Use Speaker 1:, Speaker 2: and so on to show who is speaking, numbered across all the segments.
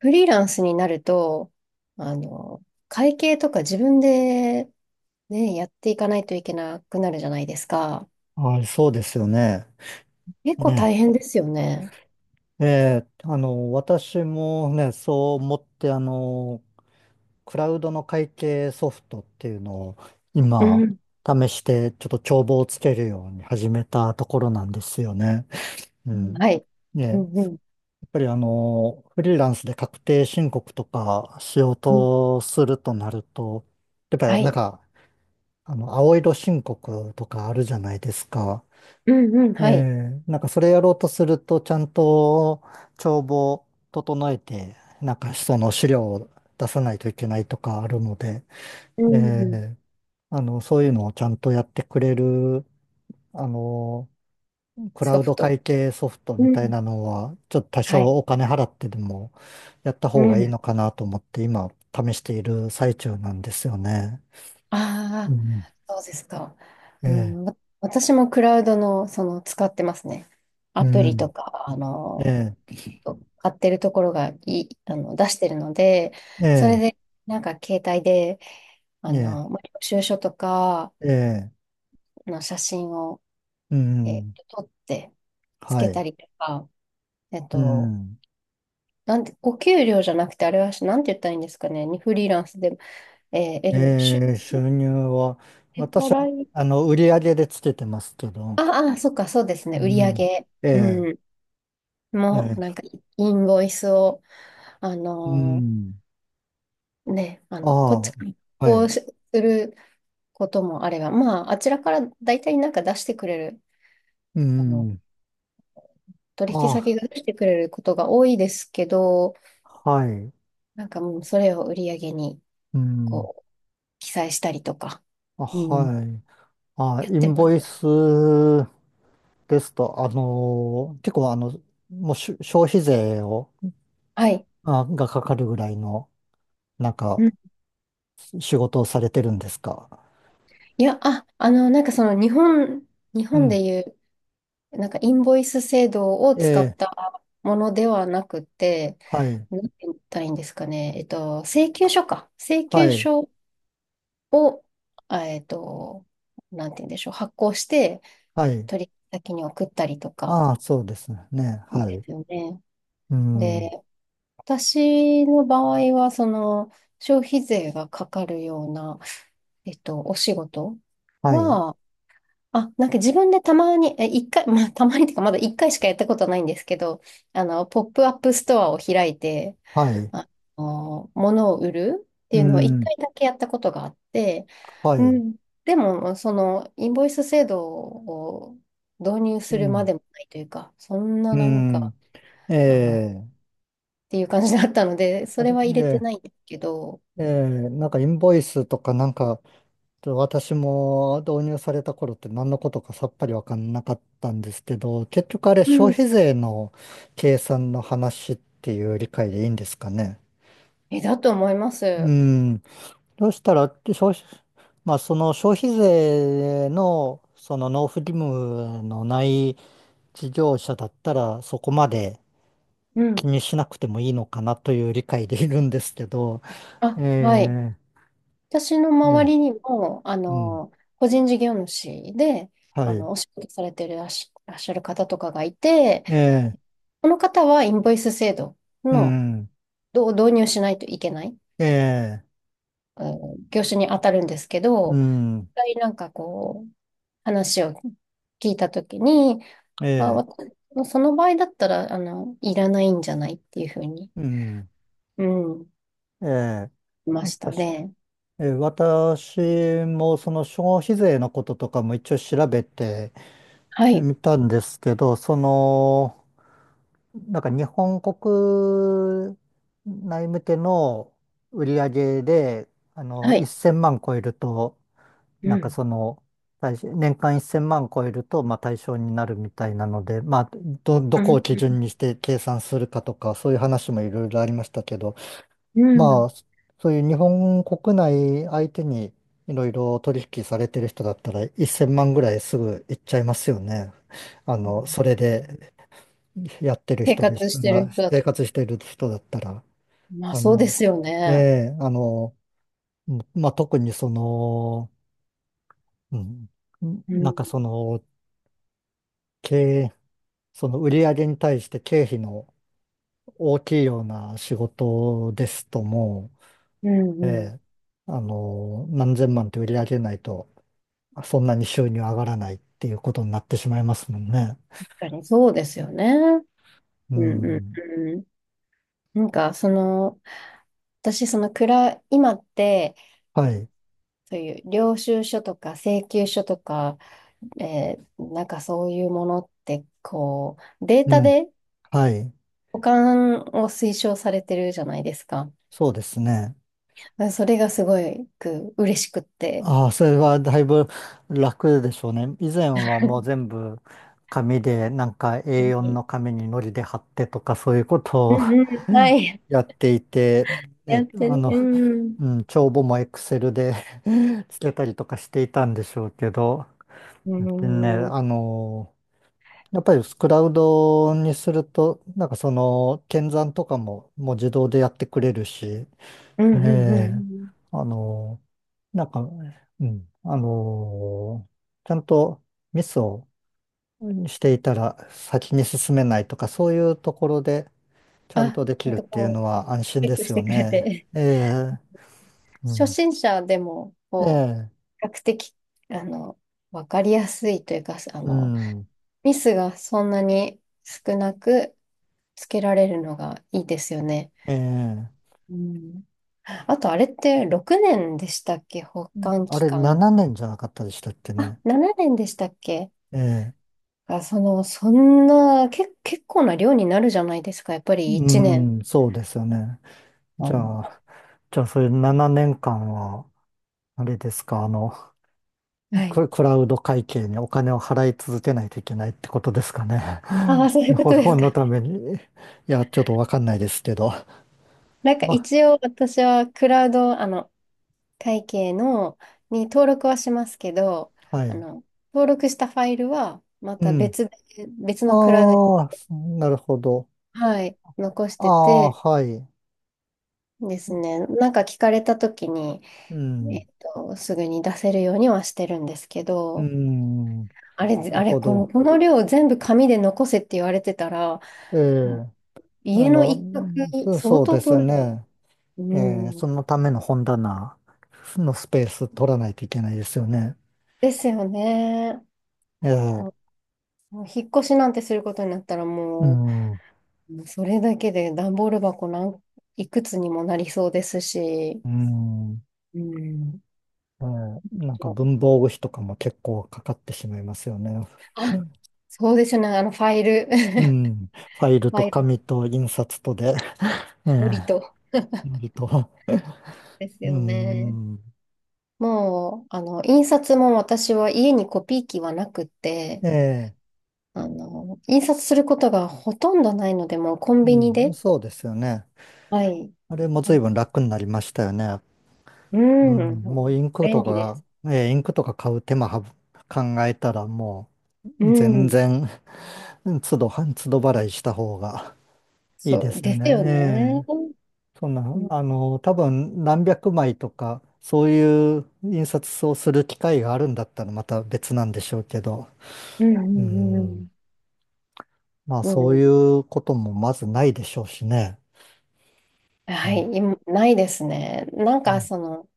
Speaker 1: フリーランスになると、会計とか自分でね、やっていかないといけなくなるじゃないですか。
Speaker 2: はい、そうですよね。
Speaker 1: 結構大
Speaker 2: ね。
Speaker 1: 変ですよね。
Speaker 2: え私もね、そう思って、クラウドの会計ソフトっていうのを
Speaker 1: う
Speaker 2: 今、
Speaker 1: ん、
Speaker 2: 試して、ちょっと帳簿をつけるように始めたところなんですよね。う
Speaker 1: うん、
Speaker 2: ん。
Speaker 1: はい。
Speaker 2: ね、
Speaker 1: う
Speaker 2: やっ
Speaker 1: んうん。
Speaker 2: ぱりフリーランスで確定申告とかしよう
Speaker 1: うん、
Speaker 2: とするとなると、やっぱ
Speaker 1: は
Speaker 2: りなん
Speaker 1: い。
Speaker 2: か、青色申告とかあるじゃないですか。
Speaker 1: うん、うん、
Speaker 2: え
Speaker 1: はい。
Speaker 2: え、なんかそれやろうとすると、ちゃんと帳簿を整えて、なんかその資料を出さないといけないとかあるので、
Speaker 1: う
Speaker 2: え
Speaker 1: ん、
Speaker 2: え、そういうのをちゃんとやってくれる、あの、クラ
Speaker 1: ソ
Speaker 2: ウ
Speaker 1: フ
Speaker 2: ド
Speaker 1: ト。
Speaker 2: 会計ソフト
Speaker 1: う
Speaker 2: みたい
Speaker 1: ん、
Speaker 2: なのは、ちょっと多
Speaker 1: はい。
Speaker 2: 少お金払ってでもやった
Speaker 1: う
Speaker 2: 方がいい
Speaker 1: ん。
Speaker 2: のかなと思って、今試している最中なんですよね。う
Speaker 1: ああ、
Speaker 2: ん。
Speaker 1: そうですか。
Speaker 2: え
Speaker 1: う
Speaker 2: え、
Speaker 1: ん、私もクラウドの、使ってますね。
Speaker 2: う
Speaker 1: アプリと
Speaker 2: ん。
Speaker 1: か、
Speaker 2: ええ、
Speaker 1: 買ってるところがいい、出してるので、
Speaker 2: え
Speaker 1: それ
Speaker 2: え、
Speaker 1: で、なんか携帯で、
Speaker 2: ええ、
Speaker 1: まあ領収書とか
Speaker 2: ええ、
Speaker 1: の写真を、
Speaker 2: う
Speaker 1: えー
Speaker 2: ん。
Speaker 1: 撮って、つ
Speaker 2: は
Speaker 1: け
Speaker 2: い。
Speaker 1: たりとか、えっ
Speaker 2: う
Speaker 1: と、
Speaker 2: ん。
Speaker 1: なんて、お給料じゃなくて、あれは、なんて言ったらいいんですかね、にフリーランスで、得る、出
Speaker 2: えー、収入は、
Speaker 1: 払
Speaker 2: 私は、
Speaker 1: い、
Speaker 2: 売り上げでつけてますけど、
Speaker 1: ああ、そっか、そうですね、売り上
Speaker 2: う
Speaker 1: げ、
Speaker 2: ん。え
Speaker 1: うん、
Speaker 2: え
Speaker 1: も
Speaker 2: え
Speaker 1: う、な
Speaker 2: え
Speaker 1: んか、インボイスを、あ
Speaker 2: う
Speaker 1: の
Speaker 2: ん。
Speaker 1: ね、
Speaker 2: あ
Speaker 1: こっち、
Speaker 2: あ、
Speaker 1: から
Speaker 2: は
Speaker 1: こう
Speaker 2: い。
Speaker 1: することもあれば、まあ、あちらから大体なんか出してくれる、
Speaker 2: う
Speaker 1: あの、
Speaker 2: ん。
Speaker 1: 取引
Speaker 2: あ
Speaker 1: 先が出してくれることが多いですけど、
Speaker 2: あ、はい。
Speaker 1: なんかもうそれを売り上げに、
Speaker 2: うん。
Speaker 1: こう、記載したりとか、
Speaker 2: あ、
Speaker 1: うん、
Speaker 2: はい。あ、
Speaker 1: やっ
Speaker 2: イ
Speaker 1: て
Speaker 2: ン
Speaker 1: ま
Speaker 2: ボ
Speaker 1: す。
Speaker 2: イスですと、結構、もうし消費税を、
Speaker 1: はい。
Speaker 2: がかかるぐらいの、なん
Speaker 1: う
Speaker 2: か、
Speaker 1: ん、
Speaker 2: 仕事をされてるんですか？
Speaker 1: いや、あ、なんか日
Speaker 2: う
Speaker 1: 本で
Speaker 2: ん。
Speaker 1: いう、なんかインボイス制度を使っ
Speaker 2: ええ
Speaker 1: たものではなくて、
Speaker 2: はい。
Speaker 1: なんて言ったらいいんですかね、請求書か。請
Speaker 2: は
Speaker 1: 求
Speaker 2: い。
Speaker 1: 書を、あえっと、なんて言うんでしょう、発行して、
Speaker 2: はい。
Speaker 1: 取引先に送ったりとか
Speaker 2: ああ、そうですね。は
Speaker 1: で
Speaker 2: い。
Speaker 1: すよね。
Speaker 2: うん。
Speaker 1: で、私の場合は、消費税がかかるような、お仕事
Speaker 2: はい。
Speaker 1: は、あ、なんか自分でたまに、一回、まあ、たまにっていうか、まだ一回しかやったことないんですけど、ポップアップストアを開いて、
Speaker 2: はい。
Speaker 1: あ物を売るって
Speaker 2: う
Speaker 1: いうのを一
Speaker 2: ん。
Speaker 1: 回だけやったことがあって、
Speaker 2: は
Speaker 1: う
Speaker 2: い。
Speaker 1: ん、でも、インボイス制度を導入
Speaker 2: う
Speaker 1: するま
Speaker 2: ん。
Speaker 1: でもないというか、そんななんか、
Speaker 2: うん。
Speaker 1: っ
Speaker 2: ええ
Speaker 1: ていう感じだったので、そ
Speaker 2: あ
Speaker 1: れ
Speaker 2: れ、
Speaker 1: は入れてないんですけど、
Speaker 2: なんかインボイスとかなんか、ちょっと私も導入された頃って何のことかさっぱりわかんなかったんですけど、結局あれ
Speaker 1: う
Speaker 2: 消
Speaker 1: ん。
Speaker 2: 費税の計算の話っていう理解でいいんですかね？
Speaker 1: だと思いま
Speaker 2: う
Speaker 1: す。
Speaker 2: ん。そしたら、まあ、その消費税の、その納付義務のない事業者だったらそこまで
Speaker 1: う
Speaker 2: 気
Speaker 1: ん。
Speaker 2: にしなくてもいいのかなという理解でいるんですけど、え
Speaker 1: あ、はい。
Speaker 2: え
Speaker 1: 私の
Speaker 2: え
Speaker 1: 周
Speaker 2: え
Speaker 1: りにも、
Speaker 2: うん、
Speaker 1: 個人事業主で、
Speaker 2: はい、
Speaker 1: お仕事されてるらっしゃる方とかがいて、
Speaker 2: ええ
Speaker 1: この方はインボイス制度
Speaker 2: う
Speaker 1: の
Speaker 2: ん、
Speaker 1: 導入しないといけない、
Speaker 2: ええ
Speaker 1: うん、業種に当たるんですけ
Speaker 2: う
Speaker 1: ど、一
Speaker 2: ん、
Speaker 1: 回なんか話を聞いたときに、まあ、
Speaker 2: ええ
Speaker 1: その場合だったら、いらないんじゃないっていうふうに、
Speaker 2: うん、
Speaker 1: うん、
Speaker 2: ええ
Speaker 1: いました
Speaker 2: 私、
Speaker 1: ね。
Speaker 2: ええ私もその消費税のこととかも一応調べて
Speaker 1: はい、
Speaker 2: みたんですけど、その、なんか日本国内向けの売り上げで、
Speaker 1: はい。
Speaker 2: 1000万超えると、
Speaker 1: う
Speaker 2: なんか
Speaker 1: ん、
Speaker 2: その、対象年間1000万超えると、まあ対象になるみたいなので、まあ、
Speaker 1: う
Speaker 2: どこ
Speaker 1: ん、
Speaker 2: を基準にして計算するかとか、そういう話もいろいろありましたけど、
Speaker 1: うん。う
Speaker 2: ま
Speaker 1: ん、
Speaker 2: あ、そういう日本国内相手にいろいろ取引されてる人だったら、1000万ぐらいすぐいっちゃいますよね。あの、それでやってる
Speaker 1: 生
Speaker 2: 人でし
Speaker 1: 活
Speaker 2: た
Speaker 1: してる
Speaker 2: ら、
Speaker 1: 人だ
Speaker 2: 生
Speaker 1: と、
Speaker 2: 活してる人だったら、
Speaker 1: まあ
Speaker 2: あ
Speaker 1: そうで
Speaker 2: の、
Speaker 1: すよ
Speaker 2: え
Speaker 1: ね。
Speaker 2: え、うんまあ、特にその、うん、
Speaker 1: う
Speaker 2: な
Speaker 1: ん、
Speaker 2: んかその、経営、その売り上げに対して経費の大きいような仕事ですとも
Speaker 1: うん、
Speaker 2: う、え
Speaker 1: うん。
Speaker 2: え、何千万って売り上げないと、そんなに収入上がらないっていうことになってしまいますもんね。
Speaker 1: 確かにそうですよね。
Speaker 2: う
Speaker 1: うん、う
Speaker 2: ん。
Speaker 1: ん、うん。なんか、私、暗い、今って、
Speaker 2: はい。
Speaker 1: そういう領収書とか請求書とか、なんかそういうものって、デー
Speaker 2: う
Speaker 1: タ
Speaker 2: ん。
Speaker 1: で
Speaker 2: はい。
Speaker 1: 保管を推奨されてるじゃないですか。
Speaker 2: そうですね。
Speaker 1: それがすごく嬉しくって。
Speaker 2: ああ、それはだいぶ楽でしょうね。以前はもう全部紙で、なんか
Speaker 1: 本当
Speaker 2: A4
Speaker 1: に、
Speaker 2: の紙に糊で貼ってとかそういうこ
Speaker 1: う
Speaker 2: とを
Speaker 1: んうん、はい。
Speaker 2: やっていて、
Speaker 1: や
Speaker 2: え、
Speaker 1: って
Speaker 2: あ
Speaker 1: る。
Speaker 2: の、
Speaker 1: うん。
Speaker 2: うん、帳簿も Excel で つけたりとかしていたんでしょうけど、
Speaker 1: う
Speaker 2: でね、
Speaker 1: ん。うん
Speaker 2: やっぱりクラウドにすると、なんかその、検算とかももう自動でやってくれるし、
Speaker 1: うん
Speaker 2: え
Speaker 1: うんう
Speaker 2: え、
Speaker 1: ん。
Speaker 2: あの、なんか、うん、ちゃんとミスをしていたら先に進めないとか、そういうところでちゃん
Speaker 1: あ、
Speaker 2: とで
Speaker 1: ち
Speaker 2: き
Speaker 1: ゃん
Speaker 2: るっ
Speaker 1: と
Speaker 2: ていうのは安心
Speaker 1: チェ
Speaker 2: で
Speaker 1: ック
Speaker 2: す
Speaker 1: し
Speaker 2: よ
Speaker 1: てくれ
Speaker 2: ね。
Speaker 1: て。
Speaker 2: ええ、う
Speaker 1: 初
Speaker 2: ん、
Speaker 1: 心者でも、
Speaker 2: ええ、
Speaker 1: 比較的、あの、わかりやすいというか、
Speaker 2: うん、
Speaker 1: ミスがそんなに少なくつけられるのがいいですよね。
Speaker 2: ええ、
Speaker 1: うん。あとあれって6年でしたっけ、保
Speaker 2: うん
Speaker 1: 管
Speaker 2: あ
Speaker 1: 期
Speaker 2: れ
Speaker 1: 間。
Speaker 2: 7年じゃなかったでしたっけ
Speaker 1: あ、
Speaker 2: ね？
Speaker 1: 7年でしたっけ？
Speaker 2: ええ、
Speaker 1: あ、そんな、結構な量になるじゃないですか。やっぱり
Speaker 2: う
Speaker 1: 1年。
Speaker 2: ん、そうですよね。
Speaker 1: あ
Speaker 2: じゃ
Speaker 1: の、
Speaker 2: あ、それ7年間は、あれですか、
Speaker 1: はい。
Speaker 2: クラウド会計にお金を払い続けないといけないってことですかね？
Speaker 1: ああ、そ ういうことです
Speaker 2: 本
Speaker 1: か。
Speaker 2: のために。いや、ちょっとわかんないですけど。
Speaker 1: なんか
Speaker 2: ま、
Speaker 1: 一応私はクラウド、会計の、に登録はしますけど、
Speaker 2: は
Speaker 1: あ
Speaker 2: い。
Speaker 1: の、登録したファイルはま
Speaker 2: う
Speaker 1: た
Speaker 2: ん。
Speaker 1: 別で、別のクラウドに、
Speaker 2: ああ、なるほど。
Speaker 1: はい、残し
Speaker 2: あ
Speaker 1: て
Speaker 2: あ、
Speaker 1: て
Speaker 2: はい。
Speaker 1: ですね、なんか聞かれた時に、
Speaker 2: うん。
Speaker 1: すぐに出せるようにはしてるんですけ
Speaker 2: う
Speaker 1: ど、
Speaker 2: ん。
Speaker 1: あれ、ぜ
Speaker 2: なる
Speaker 1: あれ、
Speaker 2: ほど。
Speaker 1: この量全部紙で残せって言われてたら、
Speaker 2: え
Speaker 1: もう
Speaker 2: え、あ
Speaker 1: 家の
Speaker 2: の、
Speaker 1: 一角
Speaker 2: そ
Speaker 1: 相
Speaker 2: そう
Speaker 1: 当
Speaker 2: です
Speaker 1: 取る。
Speaker 2: ね。
Speaker 1: う
Speaker 2: ええ、
Speaker 1: ん。
Speaker 2: そのための本棚のスペース取らないといけないですよね。
Speaker 1: ですよね。
Speaker 2: ええ、
Speaker 1: ももう引っ越しなんてすることになったら
Speaker 2: う
Speaker 1: も
Speaker 2: ん。う
Speaker 1: う、もうそれだけで段ボール箱いくつにもなりそうですし、
Speaker 2: ん。
Speaker 1: うん。
Speaker 2: なんか文房具費とかも結構かかってしまいますよね。
Speaker 1: あ、そうですね、あのファイル、
Speaker 2: う
Speaker 1: フ
Speaker 2: ん。ファイルと
Speaker 1: ァイル、
Speaker 2: 紙と印刷とで、ええ
Speaker 1: 無りと。
Speaker 2: 割と。
Speaker 1: です
Speaker 2: う
Speaker 1: よね。
Speaker 2: ん。
Speaker 1: もう、印刷も私は家にコピー機はなくて、
Speaker 2: ええ
Speaker 1: 印刷することがほとんどないので、もうコン
Speaker 2: う
Speaker 1: ビニ
Speaker 2: ん。
Speaker 1: で、
Speaker 2: そうですよね。
Speaker 1: はい。
Speaker 2: あれも
Speaker 1: あ
Speaker 2: 随
Speaker 1: の、
Speaker 2: 分楽になりましたよね。
Speaker 1: う
Speaker 2: う
Speaker 1: ん、
Speaker 2: ん。もうインク
Speaker 1: 便
Speaker 2: と
Speaker 1: 利で
Speaker 2: か、
Speaker 1: す。
Speaker 2: ええインクとか買う手間はぶ考えたらも
Speaker 1: う
Speaker 2: う全
Speaker 1: ん、
Speaker 2: 然、都度、都度払いした方がいい
Speaker 1: そ
Speaker 2: で
Speaker 1: う、
Speaker 2: すよ
Speaker 1: ですよね。
Speaker 2: ね。
Speaker 1: う
Speaker 2: そんな、
Speaker 1: ん、
Speaker 2: 多分何百枚とか、そういう印刷をする機会があるんだったらまた別なんでしょうけど、
Speaker 1: うん、
Speaker 2: う
Speaker 1: う
Speaker 2: ん、
Speaker 1: ん、
Speaker 2: まあ
Speaker 1: う
Speaker 2: そ
Speaker 1: ん
Speaker 2: う
Speaker 1: う
Speaker 2: い
Speaker 1: ん、
Speaker 2: うこともまずないでしょうしね。う
Speaker 1: は
Speaker 2: ん、
Speaker 1: い、今ないですね。なん
Speaker 2: う
Speaker 1: か、
Speaker 2: ん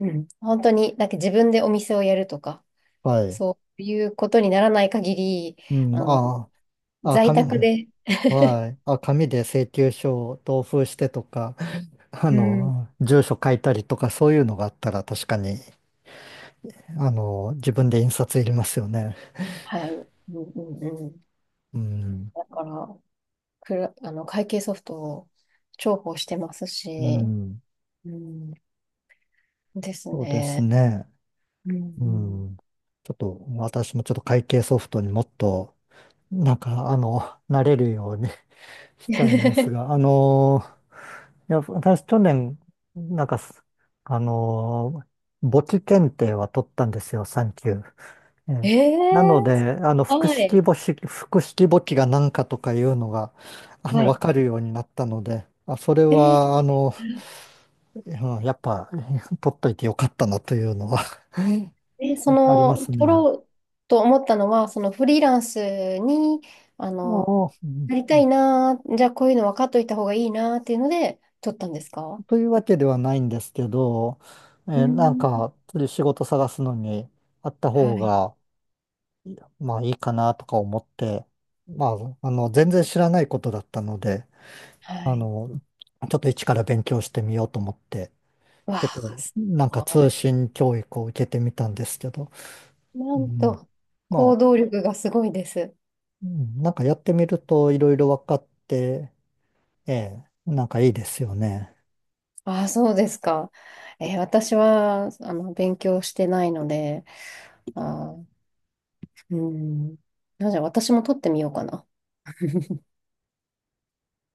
Speaker 1: うん、本当に、なんか自分でお店をやるとか、
Speaker 2: はい。
Speaker 1: そういうことにならない限り、
Speaker 2: うん、
Speaker 1: あの、
Speaker 2: ああ、
Speaker 1: 在
Speaker 2: 紙、
Speaker 1: 宅で、
Speaker 2: はい。あ、紙で請求書を同封してとか、
Speaker 1: うん、
Speaker 2: 住所書いたりとかそういうのがあったら確かに、自分で印刷いりますよね。
Speaker 1: はい。うんうんうん。
Speaker 2: うん、
Speaker 1: だから、会計ソフトを重宝してます
Speaker 2: う
Speaker 1: し、
Speaker 2: ん、
Speaker 1: うん、です
Speaker 2: そうです
Speaker 1: ね。
Speaker 2: ね。
Speaker 1: うんう
Speaker 2: う
Speaker 1: ん、
Speaker 2: ん。ちょっと私もちょっと会計ソフトにもっと、なんか、慣れるように したいです が、いや、私去年、なんかす、あの、簿記検定は取ったんですよ、3級。え
Speaker 1: え
Speaker 2: えなので、
Speaker 1: ー、はい。
Speaker 2: 複式簿記が何かとかいうのが、
Speaker 1: は
Speaker 2: わ
Speaker 1: い。
Speaker 2: かるようになったので、あ、それ
Speaker 1: えー
Speaker 2: は、うんやっぱ、取っといてよかったなというのは あります
Speaker 1: 取
Speaker 2: ね。
Speaker 1: ろうと思ったのは、そのフリーランスに、あ
Speaker 2: あ
Speaker 1: の、
Speaker 2: あ、うん
Speaker 1: なりたいなー、じゃあこういうの分かっといた方がいいなーっていうので、取ったんですか？
Speaker 2: というわけではないんですけど、
Speaker 1: う
Speaker 2: なん
Speaker 1: ん。
Speaker 2: か、仕事探すのにあった
Speaker 1: は
Speaker 2: 方
Speaker 1: い。
Speaker 2: が、まあいいかなとか思って、まあ、全然知らないことだったので、
Speaker 1: は
Speaker 2: あ
Speaker 1: い。
Speaker 2: の、ちょっと一から勉強してみようと思って、
Speaker 1: わ
Speaker 2: ちょっと、
Speaker 1: あ、す
Speaker 2: なんか
Speaker 1: ご
Speaker 2: 通
Speaker 1: い。
Speaker 2: 信教育を受けてみたんですけど、
Speaker 1: な
Speaker 2: う
Speaker 1: ん
Speaker 2: ん、
Speaker 1: と、
Speaker 2: ま
Speaker 1: 行
Speaker 2: あ、
Speaker 1: 動力がすごいです。
Speaker 2: うんなんかやってみるといろいろ分かって、ええ、なんかいいですよね。
Speaker 1: ああ、そうですか。私は、勉強してないので、あー、うん。なんじゃ、私も取ってみようかな。